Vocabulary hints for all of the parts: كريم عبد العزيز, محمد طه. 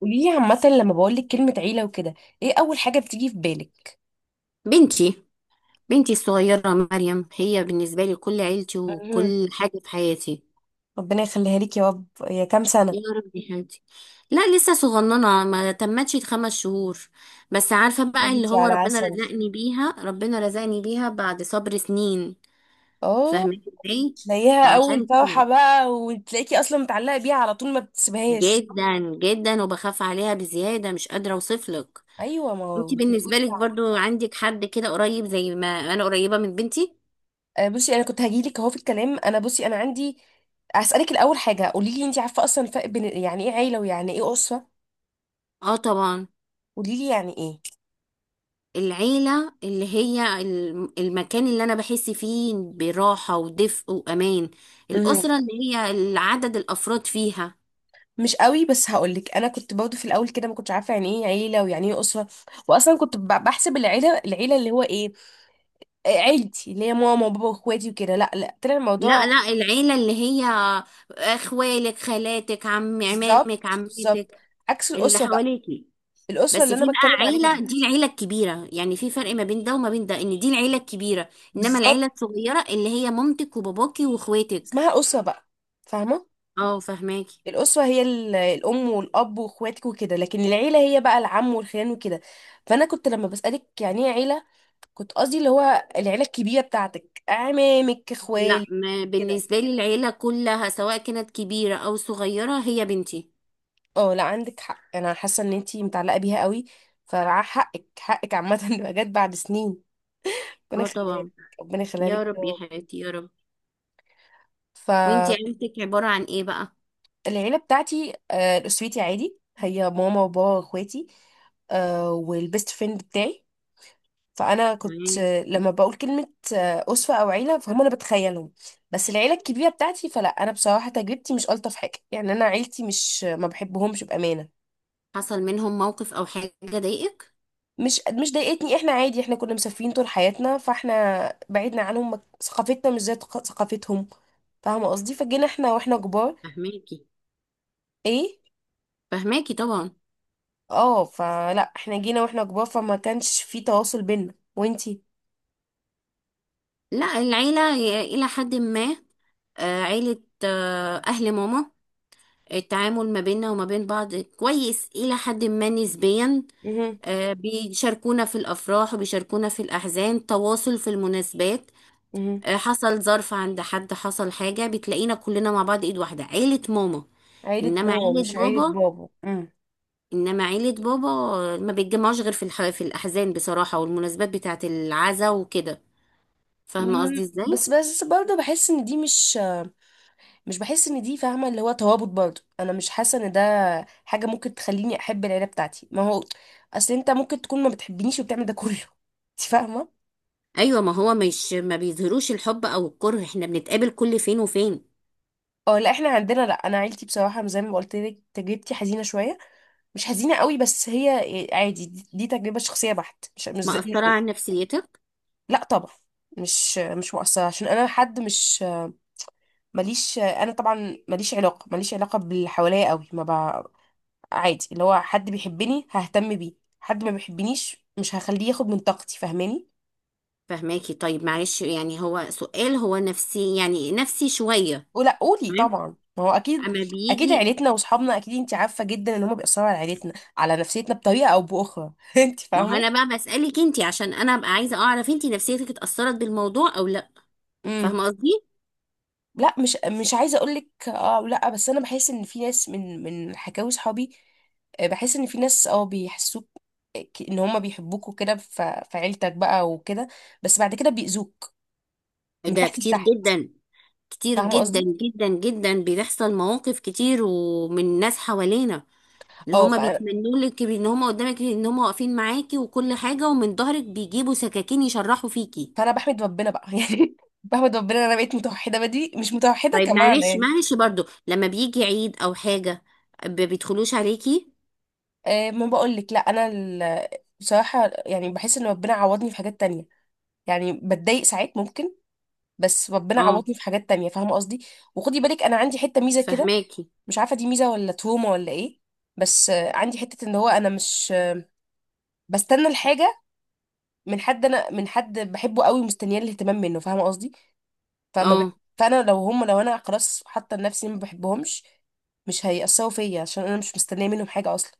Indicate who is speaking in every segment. Speaker 1: قوليلي عامة لما بقولك كلمة عيلة وكده، ايه أول حاجة بتيجي في بالك؟
Speaker 2: بنتي. بنتي الصغيرة مريم هي بالنسبة لي كل عيلتي
Speaker 1: مهم.
Speaker 2: وكل حاجة في حياتي.
Speaker 1: ربنا يخليها ليك يا رب. يا كام سنة؟
Speaker 2: يا رب يا حياتي. لا، لسه صغننة، ما تمتش خمس شهور. بس عارفة
Speaker 1: يا
Speaker 2: بقى اللي
Speaker 1: بنتي
Speaker 2: هو
Speaker 1: على
Speaker 2: ربنا
Speaker 1: عسل.
Speaker 2: رزقني بيها، ربنا رزقني بيها بعد صبر سنين.
Speaker 1: اه.
Speaker 2: فاهمين ازاي؟
Speaker 1: تلاقيها أول
Speaker 2: فعشان
Speaker 1: فرحة
Speaker 2: كده
Speaker 1: بقى وتلاقيكي أصلا متعلقة بيها على طول ما بتسيبهاش.
Speaker 2: جدا جدا، وبخاف عليها بزيادة، مش قادرة اوصفلك.
Speaker 1: أيوة، ما هو
Speaker 2: انتي
Speaker 1: انت
Speaker 2: بالنسبة
Speaker 1: بتقولي
Speaker 2: لك
Speaker 1: بعد.
Speaker 2: برضو عندك حد كده قريب زي ما انا قريبة من بنتي؟
Speaker 1: بصي، أنا كنت هجيلك أهو في الكلام. أنا بصي أنا عندي هسألك الأول حاجة: قوليلي، انت عارفة أصلا الفرق بين يعني ايه عيلة ويعني ايه أسرة؟
Speaker 2: اه طبعا.
Speaker 1: قوليلي، يعني
Speaker 2: العيلة اللي هي المكان اللي أنا بحس فيه براحة ودفء وأمان.
Speaker 1: ايه؟
Speaker 2: الأسرة اللي هي العدد الأفراد فيها.
Speaker 1: مش قوي، بس هقولك، انا كنت برضه في الاول كده ما كنتش عارفه يعني ايه عيله ويعني ايه اسره. واصلا كنت بحسب العيله، اللي هو ايه، عيلتي اللي هي ماما وبابا واخواتي وكده. لا لا، طلع الموضوع
Speaker 2: لا لا، العيلة اللي هي أخوالك، خالاتك، عم،
Speaker 1: بالظبط
Speaker 2: عمامك،
Speaker 1: بالظبط
Speaker 2: عمتك،
Speaker 1: عكس
Speaker 2: اللي
Speaker 1: الاسره بقى.
Speaker 2: حواليكي.
Speaker 1: الاسره
Speaker 2: بس
Speaker 1: اللي
Speaker 2: في
Speaker 1: انا بتكلم
Speaker 2: بقى
Speaker 1: عليها
Speaker 2: عيلة،
Speaker 1: دي
Speaker 2: دي العيلة الكبيرة، يعني في فرق ما بين ده وما بين ده إن دي العيلة الكبيرة. إنما العيلة
Speaker 1: بالظبط
Speaker 2: الصغيرة اللي هي مامتك وباباكي وإخواتك.
Speaker 1: اسمها اسره بقى، فاهمه.
Speaker 2: اه فهماكي.
Speaker 1: الاسره هي الام والاب واخواتك وكده، لكن العيله هي بقى العم والخيان وكده. فانا كنت لما بسالك يعني ايه عيله، كنت قصدي اللي هو العيلة الكبيرة بتاعتك، أعمامك
Speaker 2: لا،
Speaker 1: إخوالك.
Speaker 2: ما
Speaker 1: كده.
Speaker 2: بالنسبة لي العيلة كلها سواء كانت كبيرة أو صغيرة هي بنتي.
Speaker 1: اه لا، عندك حق. أنا حاسة إن أنتي متعلقة بيها قوي، فحقك حقك عامة إنها جت بعد سنين. ربنا
Speaker 2: اه
Speaker 1: يخليها لك،
Speaker 2: طبعا.
Speaker 1: ربنا يخليها
Speaker 2: يا
Speaker 1: لك يا
Speaker 2: رب يا
Speaker 1: رب.
Speaker 2: حياتي يا رب. وانتي
Speaker 1: فالعيلة
Speaker 2: عيلتك عبارة عن ايه بقى؟
Speaker 1: بتاعتي، أسرتي عادي هي ماما وبابا وإخواتي، والبيست فريند بتاعي. فانا كنت
Speaker 2: تمام.
Speaker 1: لما بقول كلمه اسوه او عيله، فهم انا بتخيلهم، بس العيله الكبيره بتاعتي فلا. انا بصراحه تجربتي مش الطف حاجه يعني. انا عيلتي مش، ما بحبهمش بامانه.
Speaker 2: حصل منهم موقف أو حاجة ضايقك؟
Speaker 1: مش ضايقتني. احنا عادي، احنا كنا مسافرين طول حياتنا فاحنا بعدنا عنهم. ثقافتنا مش زي ثقافتهم، فاهمه قصدي؟ فجينا احنا واحنا كبار.
Speaker 2: فهماكي،
Speaker 1: ايه.
Speaker 2: فهماكي طبعا.
Speaker 1: اه. فلا، احنا جينا واحنا كبار فما كانش في تواصل بينا وانتي.
Speaker 2: لا، العيلة إلى حد ما. آه، عيلة، آه، أهل ماما. التعامل ما بيننا وما بين بعض كويس إلى حد ما نسبيا.
Speaker 1: مهم.
Speaker 2: آه، بيشاركونا في الأفراح وبيشاركونا في الأحزان، تواصل في المناسبات.
Speaker 1: مهم.
Speaker 2: آه، حصل ظرف عند حد، حصل حاجة، بتلاقينا كلنا مع بعض ايد واحدة، عيلة ماما.
Speaker 1: عيله
Speaker 2: انما
Speaker 1: ماما
Speaker 2: عيلة
Speaker 1: مش عيله
Speaker 2: بابا،
Speaker 1: بابا.
Speaker 2: انما عيلة بابا، آه، ما بيتجمعوش غير في في الاحزان بصراحة، والمناسبات بتاعة العزا وكده. فاهمة قصدي ازاي؟
Speaker 1: بس برضه بحس ان دي مش. مش بحس ان دي، فاهمه اللي هو توابط، برضه انا مش حاسه ان ده حاجه ممكن تخليني احب العيله بتاعتي. ما هو اصل انت ممكن تكون ما بتحبنيش وبتعمل ده كله انت فاهمه.
Speaker 2: ايوه، ما هو مش ما بيظهروش الحب او الكره، احنا بنتقابل كل فين وفين.
Speaker 1: اه لا، احنا عندنا، لا، انا عيلتي بصراحه زي ما قلت لك تجربتي حزينه شويه. مش حزينه قوي بس هي عادي. دي تجربه شخصيه بحت، مش مش, زي-
Speaker 2: مأثرة
Speaker 1: مش
Speaker 2: على نفسيتك؟
Speaker 1: لا طبعا، مش مؤثره عشان انا حد مش. ماليش انا طبعا، ماليش علاقه باللي حواليا قوي. ما عادي، اللي هو حد بيحبني ههتم بيه، حد ما بيحبنيش مش هخليه ياخد من طاقتي، فاهماني؟
Speaker 2: فهماكي. طيب معلش، يعني هو سؤال، هو نفسي يعني، نفسي شوية.
Speaker 1: ولا قولي،
Speaker 2: تمام.
Speaker 1: طبعا ما هو اكيد.
Speaker 2: اما
Speaker 1: اكيد
Speaker 2: بيجي.
Speaker 1: عيلتنا واصحابنا، اكيد انت عارفه جدا ان هم بيأثروا على عيلتنا، على نفسيتنا بطريقه او باخرى انت
Speaker 2: ما هو
Speaker 1: فاهمه.
Speaker 2: انا بقى بسألك انتي، عشان انا ابقى عايزة اعرف انتي نفسيتك اتأثرت بالموضوع او لا.
Speaker 1: امم
Speaker 2: فاهمة قصدي؟
Speaker 1: لا، مش عايزه اقول لك اه لا، بس انا بحس ان في ناس، من حكاوي صحابي، بحس ان في ناس بيحسوك ان هم بيحبوك وكده، في عيلتك بقى وكده، بس بعد كده بيأذوك من
Speaker 2: ده
Speaker 1: تحت
Speaker 2: كتير
Speaker 1: لتحت،
Speaker 2: جدا. كتير
Speaker 1: فاهمه
Speaker 2: جدا
Speaker 1: قصدي؟
Speaker 2: جدا جدا بيحصل مواقف كتير ومن ناس حوالينا، اللي
Speaker 1: اه ف
Speaker 2: هما بيتمنوا لك ان هما قدامك، ان هما واقفين معاكي وكل حاجة، ومن ظهرك بيجيبوا سكاكين يشرحوا فيكي.
Speaker 1: فانا بحمد ربنا بقى يعني، بحمد ربنا ان انا بقيت متوحده بدري مش متوحده
Speaker 2: طيب
Speaker 1: كمان
Speaker 2: معلش،
Speaker 1: يعني.
Speaker 2: معلش برضو، لما بيجي عيد او حاجة بيدخلوش عليكي؟
Speaker 1: ما بقول لك لا، بصراحه يعني بحس ان ربنا عوضني في حاجات تانية. يعني بتضايق ساعات ممكن، بس ربنا
Speaker 2: اه
Speaker 1: عوضني في حاجات تانية، فاهمه قصدي؟ وخدي بالك، انا عندي حته ميزه كده،
Speaker 2: فهماكي.
Speaker 1: مش عارفه دي ميزه ولا تروما ولا ايه. بس عندي حته ان هو انا مش بستنى الحاجه من حد، انا من حد بحبه قوي ومستنياه الاهتمام منه، فاهمه قصدي؟ فما ب...
Speaker 2: اه.
Speaker 1: فانا لو هم لو انا خلاص حاطه لنفسي ما بحبهمش، مش هيأثروا فيا عشان انا مش مستنيه منهم حاجه اصلا.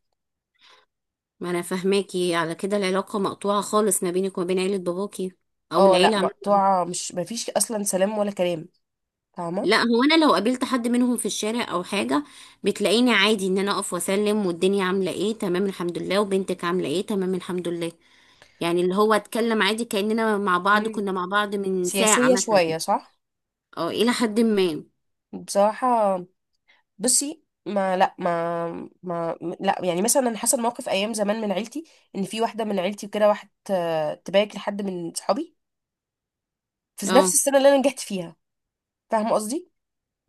Speaker 2: ما انا فاهماكي، على كده العلاقة مقطوعة خالص ما بينك وما بين عيلة باباكي، او
Speaker 1: اه
Speaker 2: العيلة
Speaker 1: لا، مقطوعه. مش، ما فيش اصلا سلام ولا كلام، فاهمه.
Speaker 2: لا، هو انا لو قابلت حد منهم في الشارع او حاجة بتلاقيني عادي ان انا اقف واسلم، والدنيا عاملة ايه، تمام الحمد لله، وبنتك عاملة ايه، تمام الحمد لله، يعني اللي هو اتكلم عادي كأننا مع بعض،
Speaker 1: مم.
Speaker 2: كنا مع بعض من ساعة
Speaker 1: سياسيه
Speaker 2: مثلا.
Speaker 1: شويه، صح.
Speaker 2: اه، الى حد ما.
Speaker 1: بصراحه، بصي، ما لا ما ما لا يعني مثلا انا حصل موقف ايام زمان من عيلتي، ان في واحده من عيلتي وكده، واحد تبارك لحد من صحابي في نفس
Speaker 2: اه.
Speaker 1: السنه اللي انا نجحت فيها، فاهمه قصدي؟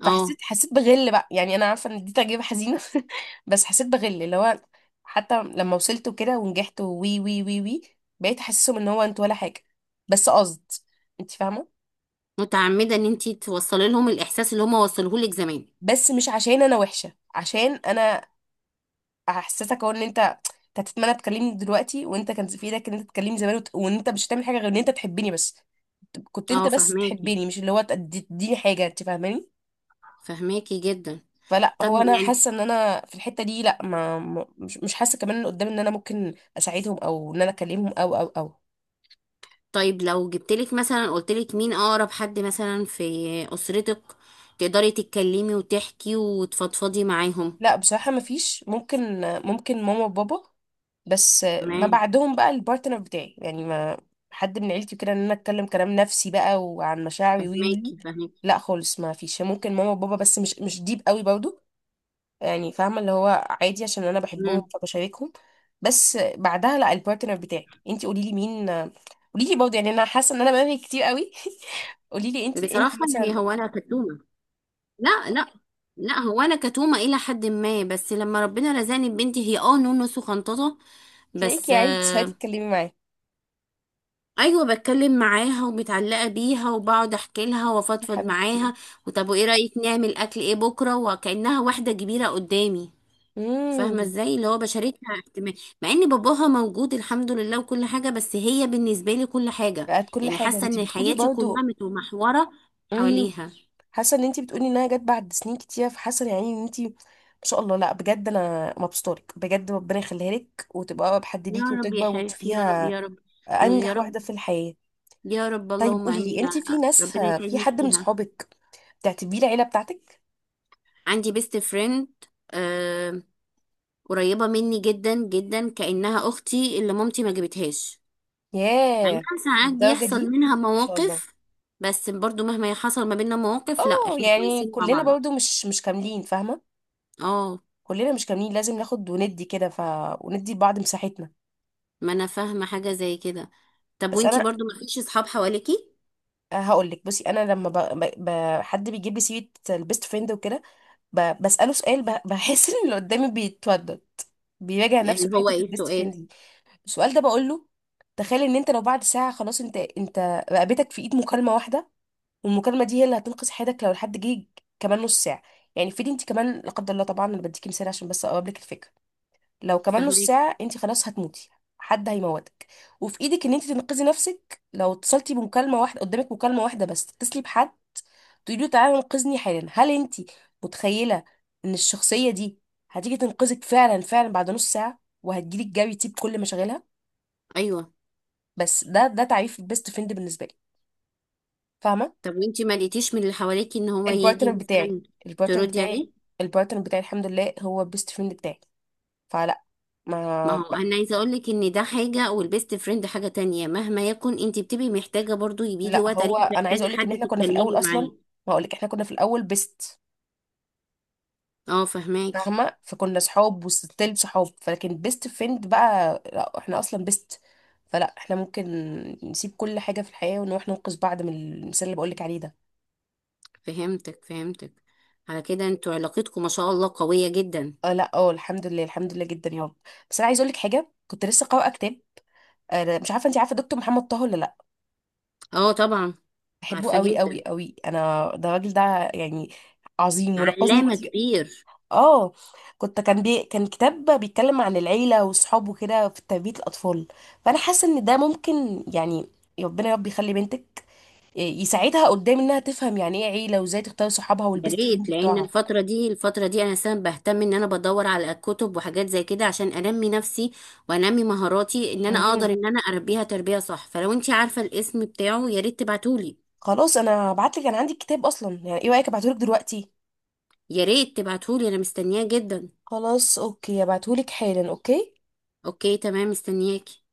Speaker 2: اه،
Speaker 1: فحسيت حسيت بغل بقى. يعني انا عارفه ان دي تجربه حزينه بس حسيت بغل اللي هو، حتى لما وصلت وكده ونجحت وي وي وي وي، بقيت احسسهم ان هو انت ولا حاجه. بس قصد، انت فاهمه؟
Speaker 2: متعمدة ان انتي توصلي لهم الاحساس اللي هما وصلوه لك زمان.
Speaker 1: بس مش عشان انا وحشه، عشان انا احسسك هو ان انت، أنت هتتمنى تكلمني دلوقتي وانت كان في ايدك ان انت تكلمني زمان، وان انت مش هتعمل حاجه غير ان انت تحبني بس. كنت انت
Speaker 2: اه
Speaker 1: بس
Speaker 2: فاهماكي،
Speaker 1: تحبني، مش اللي هو تديني حاجه، انت فاهماني؟
Speaker 2: فاهماكي جدا.
Speaker 1: فلا،
Speaker 2: طب
Speaker 1: هو انا
Speaker 2: يعني،
Speaker 1: حاسه ان انا في الحته دي لا، مش حاسه كمان ان قدام ان انا ممكن اساعدهم او ان انا اكلمهم او او او
Speaker 2: طيب لو جبتلك مثلا، قلتلك مين اقرب حد مثلا في اسرتك تقدري تتكلمي وتحكي وتفضفضي معاهم.
Speaker 1: لا بصراحه ما فيش. ممكن ممكن ماما وبابا، بس ما
Speaker 2: تمام.
Speaker 1: بعدهم بقى البارتنر بتاعي يعني، ما حد من عيلتي كده ان انا اتكلم كلام نفسي بقى وعن مشاعري وي وي.
Speaker 2: فهماكي، فهماكي.
Speaker 1: لا خالص ما فيش. ممكن ماما وبابا بس، مش ديب قوي برضو يعني، فاهمه اللي هو عادي عشان انا بحبهم
Speaker 2: امم.
Speaker 1: فبشاركهم، بس بعدها لا، البارتنر بتاعي. انت قولي لي مين، قولي لي برضه، يعني انا حاسه ان انا بنهي كتير قوي قولي لي انت
Speaker 2: بصراحة
Speaker 1: مثلا.
Speaker 2: يعني، هو انا كتومة. لا لا. لا، هو انا كتومة الى حد ما، بس لما ربنا رزقني ببنتي، هي اه نونو وخنططة
Speaker 1: تلاقيكي
Speaker 2: بس
Speaker 1: يعني بتصحي
Speaker 2: آه.
Speaker 1: تتكلمي معاه.
Speaker 2: ايوه، بتكلم معاها ومتعلقه بيها، وبقعد احكي لها
Speaker 1: يا
Speaker 2: وافضفض
Speaker 1: حبيبتي.
Speaker 2: معاها، وطب وايه رايك نعمل اكل ايه بكره، وكانها واحده كبيره قدامي. فاهمه
Speaker 1: امم
Speaker 2: ازاي، اللي هو بشارتها احتمال، مع ان باباها موجود الحمد لله وكل حاجه، بس هي بالنسبه لي كل حاجه.
Speaker 1: بقت كل
Speaker 2: يعني
Speaker 1: حاجه،
Speaker 2: حاسه
Speaker 1: انت
Speaker 2: ان
Speaker 1: بتقولي
Speaker 2: حياتي كلها
Speaker 1: برضه.
Speaker 2: متمحوره
Speaker 1: امم
Speaker 2: حواليها.
Speaker 1: حاسه ان انت بتقولي انها جت بعد سنين كتير، فحاسه يعني ان انت، ما شاء الله. لا بجد، انا مبسوطه لك بجد. ربنا يخليها لك وتبقى اقرب حد
Speaker 2: يا
Speaker 1: ليكي
Speaker 2: رب يا
Speaker 1: وتكبر
Speaker 2: حبيبتي، يا رب
Speaker 1: وتشوفيها
Speaker 2: يا رب، يا
Speaker 1: انجح
Speaker 2: رب
Speaker 1: واحده في الحياه.
Speaker 2: يا رب
Speaker 1: طيب
Speaker 2: اللهم
Speaker 1: قولي لي،
Speaker 2: امين.
Speaker 1: انت في ناس،
Speaker 2: ربنا
Speaker 1: في
Speaker 2: يسعدني
Speaker 1: حد من
Speaker 2: فيها.
Speaker 1: صحابك بتعتبيه العيله بتاعتك؟
Speaker 2: عندي بيست فريند. آه. قريبه مني جدا جدا، كانها اختي اللي مامتي ما جابتهاش. مع
Speaker 1: ياه،
Speaker 2: انها ساعات
Speaker 1: للدرجه
Speaker 2: بيحصل
Speaker 1: دي ما
Speaker 2: منها
Speaker 1: شاء الله.
Speaker 2: مواقف، بس برضو مهما حصل ما بيننا مواقف، لا
Speaker 1: اه،
Speaker 2: احنا
Speaker 1: يعني
Speaker 2: كويسين مع
Speaker 1: كلنا
Speaker 2: بعض.
Speaker 1: برضو مش كاملين، فاهمه.
Speaker 2: اه.
Speaker 1: كلنا مش كاملين، لازم ناخد وندي كده. وندي لبعض مساحتنا.
Speaker 2: ما انا فاهمة حاجة زي كده. طب
Speaker 1: بس
Speaker 2: وانتي
Speaker 1: انا
Speaker 2: برضو ما فيش اصحاب حواليكي؟
Speaker 1: هقول لك، بصي، انا لما ب... ب... حد بيجيب لي سيره البيست فريند وكده، بساله سؤال. بحس ان اللي قدامي بيتودد، بيراجع نفسه
Speaker 2: اللي
Speaker 1: في
Speaker 2: هو
Speaker 1: حته
Speaker 2: ايه
Speaker 1: البيست فريند
Speaker 2: السؤال؟
Speaker 1: دي. السؤال ده بقول له: تخيل ان انت لو بعد ساعه خلاص، انت رقبتك في ايد مكالمه واحده، والمكالمه دي هي اللي هتنقذ حياتك لو الحد جه كمان نص ساعه. يعني افرضي انت كمان، لا قدر الله طبعا، انا بديكي مثال عشان بس اقرب لك الفكره. لو كمان نص
Speaker 2: فاهماكي.
Speaker 1: ساعه انت خلاص هتموتي، حد هيموتك، وفي ايدك ان انت تنقذي نفسك لو اتصلتي بمكالمه واحده. قدامك مكالمه واحده بس تتصلي بحد تقولي له: تعالى انقذني حالا. هل انت متخيله ان الشخصيه دي هتيجي تنقذك فعلا فعلا بعد نص ساعه، وهتجيلك جري تسيب كل مشاغلها؟
Speaker 2: ايوه.
Speaker 1: بس ده، ده تعريف البيست فريند بالنسبه لي، فاهمه.
Speaker 2: طب وانتي ما لقيتيش من اللي حواليكي ان هو يجي
Speaker 1: البارتنر بتاعي
Speaker 2: مثلا
Speaker 1: البارتنر
Speaker 2: تردي
Speaker 1: بتاعي
Speaker 2: عليه؟
Speaker 1: البارتنر بتاعي، الحمد لله، هو بيست فريند بتاعي، فلا
Speaker 2: ما
Speaker 1: ما ما-
Speaker 2: هو انا عايزه اقول لك ان ده حاجه والبيست فريند حاجه تانية، مهما يكن انت بتبقي محتاجه، برضو بيجي
Speaker 1: لا،
Speaker 2: وقت
Speaker 1: هو
Speaker 2: عليكي
Speaker 1: انا عايزه
Speaker 2: محتاجه
Speaker 1: اقول لك ان
Speaker 2: حد
Speaker 1: احنا كنا في الاول
Speaker 2: تتكلمي
Speaker 1: اصلا،
Speaker 2: معاه.
Speaker 1: ما اقول لك، احنا كنا في الاول بيست،
Speaker 2: اه فهماكي.
Speaker 1: فاهمه. فكنا صحاب وستيل صحاب، فلكن بيست فريند بقى لا، احنا اصلا بيست، فلا احنا ممكن نسيب كل حاجه في الحياه ونروح ننقذ بعض من المثال اللي بقول لك عليه ده.
Speaker 2: فهمتك، فهمتك. على كده انتوا علاقتكم ما شاء الله قويه جدا.
Speaker 1: اه لا، اه الحمد لله، الحمد لله جدا يا رب. بس انا عايزه اقول لك حاجه، كنت لسه قارئه كتاب. مش عارفه، انت عارفه دكتور محمد طه ولا لا؟
Speaker 2: اه طبعا.
Speaker 1: بحبه
Speaker 2: عارفه
Speaker 1: قوي قوي
Speaker 2: جدا.
Speaker 1: قوي انا. ده الراجل ده يعني عظيم ونقذني
Speaker 2: علامه
Speaker 1: كتير.
Speaker 2: كبير.
Speaker 1: اه. كان كتاب بيتكلم عن العيله وصحابه كده في تربيه الاطفال. فانا حاسه ان ده ممكن يعني، ربنا يا رب يخلي بنتك، يساعدها قدام انها تفهم يعني ايه عيله وازاي تختار صحابها
Speaker 2: يا
Speaker 1: والبيست
Speaker 2: ريت،
Speaker 1: فريند
Speaker 2: لان
Speaker 1: بتوعها.
Speaker 2: الفتره دي، الفتره دي انا سبب بهتم ان انا بدور على كتب وحاجات زي كده عشان انمي نفسي، وانمي مهاراتي ان انا اقدر
Speaker 1: مهم.
Speaker 2: ان انا اربيها تربيه صح. فلو انت عارفه الاسم بتاعه يا ريت تبعتولي.
Speaker 1: خلاص، انا هبعتلك. انا عندي الكتاب اصلا يعني. ايه رايك ابعتهولك دلوقتي؟
Speaker 2: يا ريت تبعتولي، انا مستنياه جدا.
Speaker 1: خلاص، اوكي، هبعتهولك حالا. اوكي.
Speaker 2: اوكي تمام، مستنياكي.